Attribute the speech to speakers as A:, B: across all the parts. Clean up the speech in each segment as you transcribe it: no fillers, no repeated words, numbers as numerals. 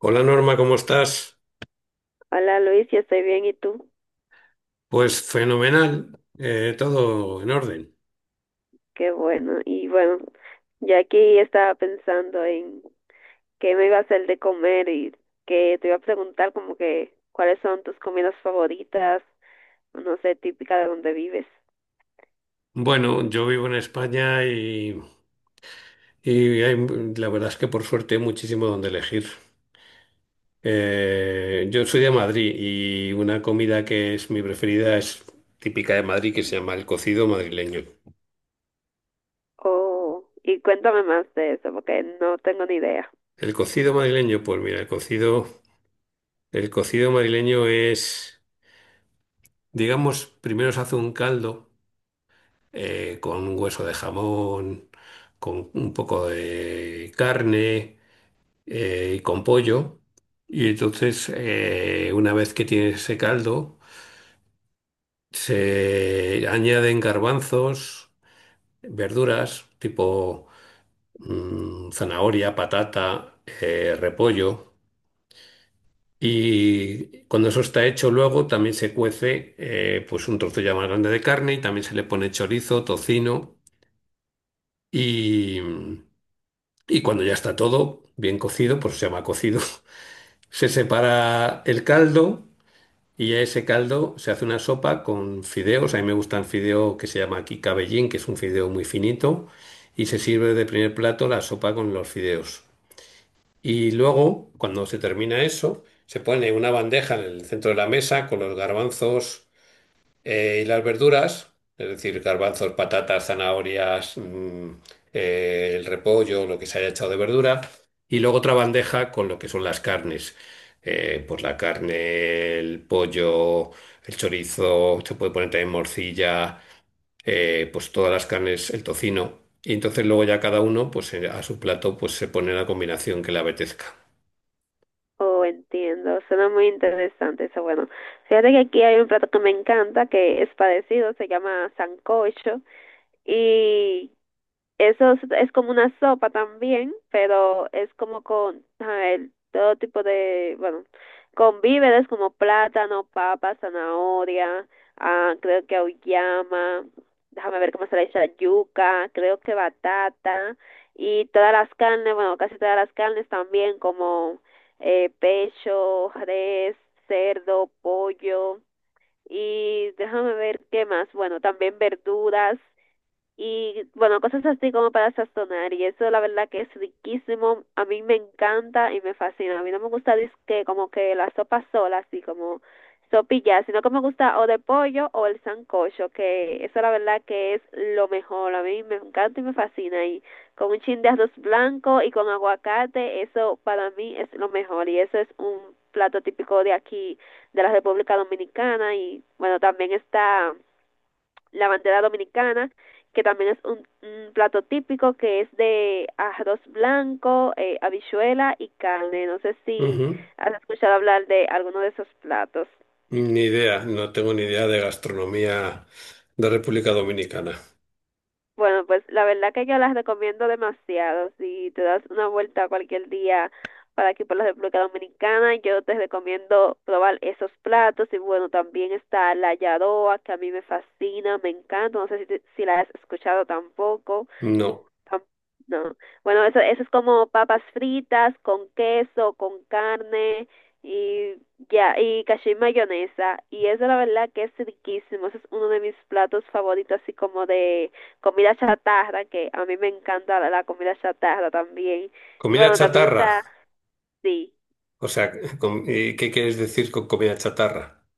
A: Hola Norma, ¿cómo estás?
B: Hola Luis, yo estoy bien, ¿y tú?
A: Pues fenomenal, todo en orden.
B: Qué bueno. Y bueno, ya aquí estaba pensando en qué me iba a hacer de comer y que te iba a preguntar como que cuáles son tus comidas favoritas, no sé, típica de donde vives.
A: Bueno, yo vivo en España y la verdad es que por suerte hay muchísimo donde elegir. Yo soy de Madrid y una comida que es mi preferida es típica de Madrid, que se llama el cocido madrileño.
B: Oh, y cuéntame más de eso porque no tengo ni idea.
A: El cocido madrileño, pues mira, el cocido madrileño es, digamos, primero se hace un caldo, con un hueso de jamón, con un poco de carne y con pollo. Y entonces, una vez que tienes ese caldo, se añaden garbanzos, verduras tipo zanahoria, patata, repollo. Y cuando eso está hecho, luego también se cuece, pues un trozo ya más grande de carne, y también se le pone chorizo, tocino y... Y cuando ya está todo bien cocido, por eso se llama cocido, se separa el caldo, y a ese caldo se hace una sopa con fideos. A mí me gusta el fideo que se llama aquí cabellín, que es un fideo muy finito, y se sirve de primer plato la sopa con los fideos. Y luego, cuando se termina eso, se pone una bandeja en el centro de la mesa con los garbanzos y las verduras, es decir, garbanzos, patatas, zanahorias, el repollo, lo que se haya echado de verdura. Y luego otra bandeja con lo que son las carnes. Pues la carne, el pollo, el chorizo; se puede poner también morcilla, pues todas las carnes, el tocino. Y entonces luego ya cada uno, pues, a su plato, pues se pone la combinación que le apetezca.
B: Oh, entiendo, suena muy interesante eso. Bueno, fíjate que aquí hay un plato que me encanta, que es parecido, se llama sancocho. Y Eso es, como una sopa también, pero es como con, a ver, todo tipo de, bueno, con víveres como plátano, papa, zanahoria, ah, creo que auyama, déjame ver cómo se le dice yuca, creo que batata, y todas las carnes, bueno, casi todas las carnes también, como pecho, res, cerdo, pollo, y déjame ver qué más, bueno, también verduras y bueno, cosas así como para sazonar. Y eso la verdad que es riquísimo. A mí me encanta y me fascina. A mí no me gusta que como que la sopa sola, así como sopilla, sino que me gusta o de pollo o el sancocho, que eso la verdad que es lo mejor. A mí me encanta y me fascina. Y con un chin de arroz blanco y con aguacate, eso para mí es lo mejor. Y eso es un plato típico de aquí, de la República Dominicana. Y bueno, también está la bandera dominicana, que también es un plato típico que es de arroz blanco, habichuela y carne. No sé si
A: Ujú.
B: has escuchado hablar de alguno de esos platos.
A: Ni idea, no tengo ni idea de gastronomía de República Dominicana.
B: Bueno, pues la verdad que yo las recomiendo demasiado. Si te das una vuelta cualquier día para aquí por la República Dominicana, yo te recomiendo probar esos platos. Y bueno, también está la yadoa, que a mí me fascina, me encanta. No sé si la has escuchado tampoco.
A: No.
B: Tam- No. Bueno, eso es como papas fritas con queso, con carne y ya, y cacio y mayonesa. Y eso la verdad que es riquísimo. Ese es uno de mis platos favoritos, así como de comida chatarra, que a mí me encanta la comida chatarra también. Y
A: Comida
B: bueno, también
A: chatarra.
B: está, sí,
A: O sea, ¿qué quieres decir con comida chatarra?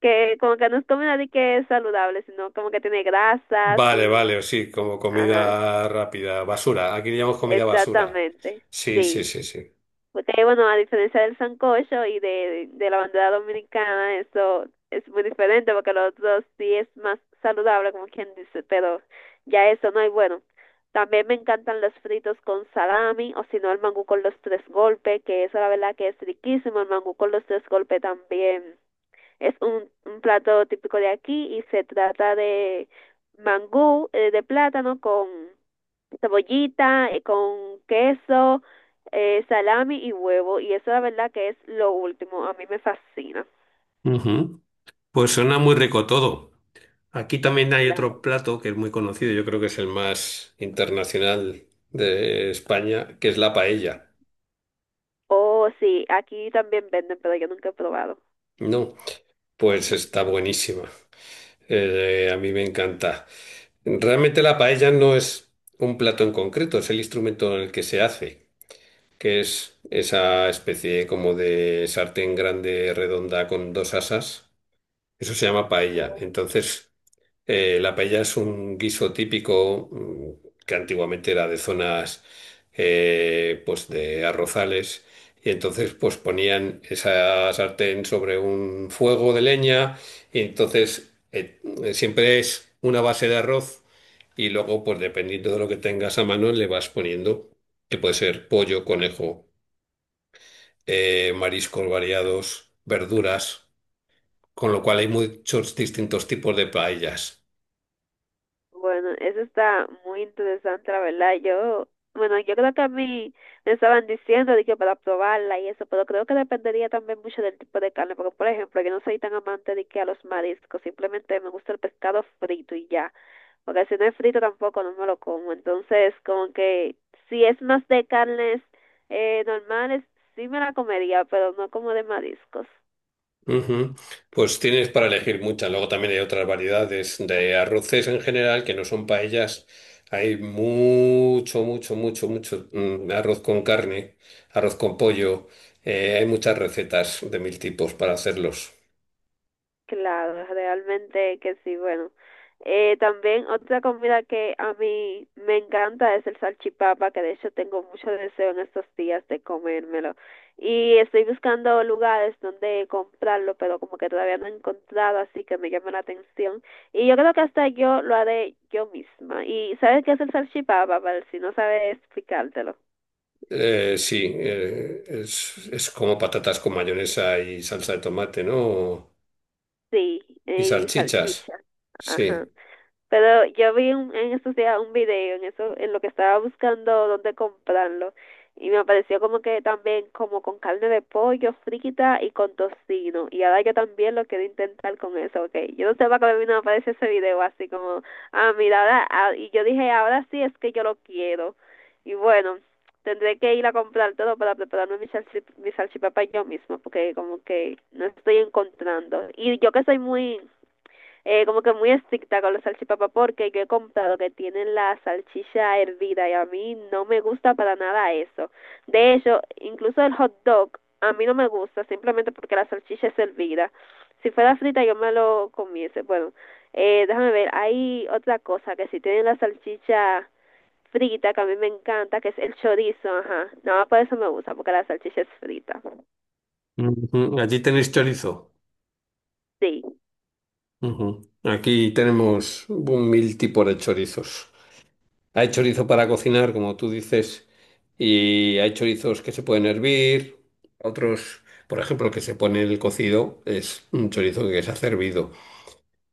B: que como que no es comida de que es saludable, sino como que tiene grasas
A: Vale,
B: y,
A: vale, o sí, como
B: ajá,
A: comida rápida, basura. Aquí le llamamos comida basura.
B: exactamente.
A: Sí, sí,
B: Sí.
A: sí, sí.
B: Porque, bueno, a diferencia del sancocho y de la bandera dominicana, eso es muy diferente porque los otros sí es más saludable, como quien dice, pero ya eso no hay bueno. También me encantan los fritos con salami o si no el mangú con los tres golpes, que eso la verdad que es riquísimo. El mangú con los tres golpes también es un plato típico de aquí y se trata de mangú de plátano con cebollita con queso, salami y huevo. Y eso la verdad que es lo último. A mí me fascina.
A: Ujú. Pues suena muy rico todo. Aquí también hay
B: Claro.
A: otro plato que es muy conocido, yo creo que es el más internacional de España, que es la paella.
B: Oh, sí, aquí también venden, pero yo nunca he probado.
A: No, pues
B: No.
A: está buenísima. A mí me encanta. Realmente la paella no es un plato en concreto, es el instrumento en el que se hace, que es esa especie como de sartén grande redonda con dos asas. Eso se llama paella. Entonces, la paella es un guiso típico, que antiguamente era de zonas, pues de arrozales, y entonces pues ponían esa sartén sobre un fuego de leña, y entonces, siempre es una base de arroz, y luego pues dependiendo de lo que tengas a mano le vas poniendo, que puede ser pollo, conejo, mariscos variados, verduras, con lo cual hay muchos distintos tipos de paellas.
B: Bueno, eso está muy interesante, la verdad. Yo, bueno, yo creo que a mí me estaban diciendo de que para probarla y eso, pero creo que dependería también mucho del tipo de carne, porque por ejemplo, yo no soy tan amante de que a los mariscos, simplemente me gusta el pescado frito y ya. Porque si no es frito tampoco no me lo como. Entonces, como que si es más de carnes normales, sí me la comería, pero no como de mariscos.
A: Ujú. Pues tienes para elegir muchas. Luego también hay otras variedades de arroces en general que no son paellas. Hay mucho, mucho, mucho, mucho, arroz con carne, arroz con pollo. Hay muchas recetas de mil tipos para hacerlos.
B: Claro, realmente que sí, bueno. También otra comida que a mí me encanta es el salchipapa, que de hecho tengo mucho deseo en estos días de comérmelo. Y estoy buscando lugares donde comprarlo, pero como que todavía no he encontrado, así que me llama la atención. Y yo creo que hasta yo lo haré yo misma. ¿Y sabes qué es el salchipapa, Val? Si no sabes explicártelo.
A: Sí, es como patatas con mayonesa y salsa de tomate, ¿no?
B: Sí,
A: Y
B: y
A: salchichas.
B: salchicha.
A: Sí.
B: Ajá. Pero yo en estos días un video en eso, en lo que estaba buscando dónde comprarlo y me apareció como que también como con carne de pollo frita y con tocino y ahora yo también lo quiero intentar con eso, okay. Yo no sé para qué me vino a aparecer ese video así como, ah, mira, ahora, ah, y yo dije, ahora sí es que yo lo quiero. Y bueno, tendré que ir a comprar todo para prepararme mi salchipapa yo misma porque como que no estoy encontrando. Y yo que soy muy como que muy estricta con la salchipapa porque yo he comprado que tienen la salchicha hervida y a mí no me gusta para nada eso. De hecho, incluso el hot dog a mí no me gusta simplemente porque la salchicha es hervida. Si fuera frita yo me lo comiese. Bueno, déjame ver, hay otra cosa que si tienen la salchicha frita que a mí me encanta, que es el chorizo, ajá. No, por eso me gusta, porque la salchicha es frita.
A: Ujú. Allí tenéis chorizo.
B: Sí.
A: Ujú. Aquí tenemos un mil tipos de chorizos. Hay chorizo para cocinar, como tú dices, y hay chorizos que se pueden hervir, otros, por ejemplo, el que se pone en el cocido es un chorizo que se ha hervido.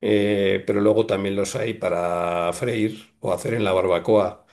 A: Pero luego también los hay para freír o hacer en la barbacoa.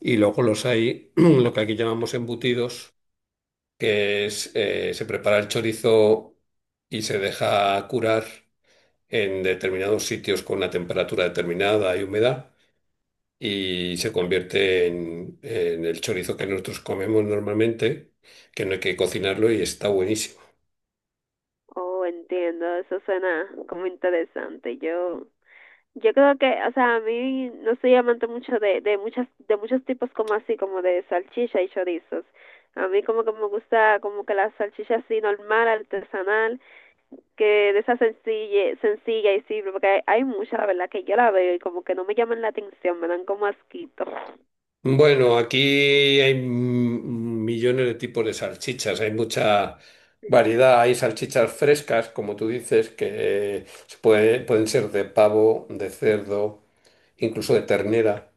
A: Y luego los hay, lo que aquí llamamos embutidos, que es, se prepara el chorizo y se deja curar en determinados sitios con una temperatura determinada y humedad, y se convierte en el chorizo que nosotros comemos normalmente, que no hay que cocinarlo y está buenísimo.
B: Oh, entiendo, eso suena como interesante. Yo Yo creo que, o sea, a mí no soy amante mucho de muchas, de muchos tipos como así, como de salchicha y chorizos. A mí como que me gusta como que la salchicha así normal, artesanal, que de esa sencilla, sencilla y simple, porque hay mucha, la verdad, que yo la veo y como que no me llaman la atención, me dan como asquito.
A: Bueno, aquí hay, millones de tipos de salchichas, hay mucha variedad, hay salchichas frescas, como tú dices, que pueden ser de pavo, de cerdo, incluso de ternera,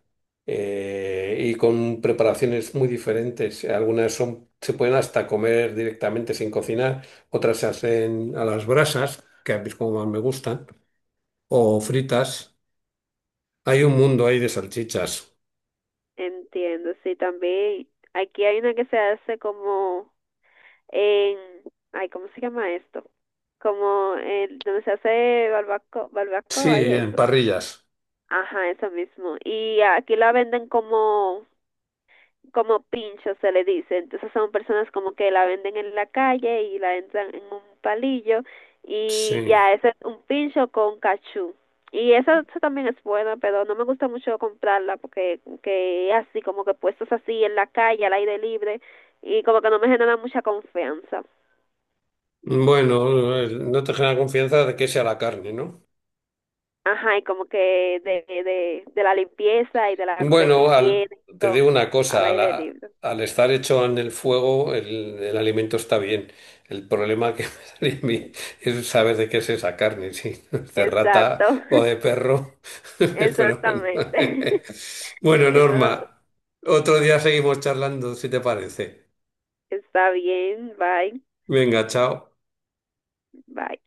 A: y con preparaciones muy diferentes. Algunas son, se pueden hasta comer directamente sin cocinar, otras se hacen a las brasas, que a mí es como más me gustan, o fritas. Hay un mundo ahí de salchichas.
B: Entiendo, sí, también aquí hay una que se hace como en, ay, ¿cómo se llama esto? Como el, donde se hace barbaco,
A: Sí,
B: barbacoa y
A: en
B: eso.
A: parrillas.
B: Ajá, eso mismo. Y aquí la venden como, como pincho, se le dice. Entonces son personas como que la venden en la calle y la entran en un palillo y
A: Sí.
B: ya, ese es un pincho con cachú. Y eso también es bueno, pero no me gusta mucho comprarla porque que así, como que puestos así en la calle, al aire libre, y como que no me genera mucha confianza.
A: Bueno, no te genera confianza de que sea la carne, ¿no?
B: Ajá, y como que de la limpieza y de la correcta
A: Bueno, al-
B: higiene, y
A: te
B: todo,
A: digo una
B: al
A: cosa,
B: aire libre.
A: al estar hecho en el fuego, el alimento está bien. El problema que me sale a mí es saber de qué es esa carne, si no es de rata
B: Exacto.
A: o de perro. Pero bueno.
B: Exactamente.
A: Bueno,
B: Eso
A: Norma, otro día seguimos charlando, si te parece.
B: está bien. Bye.
A: Venga, chao.
B: Bye.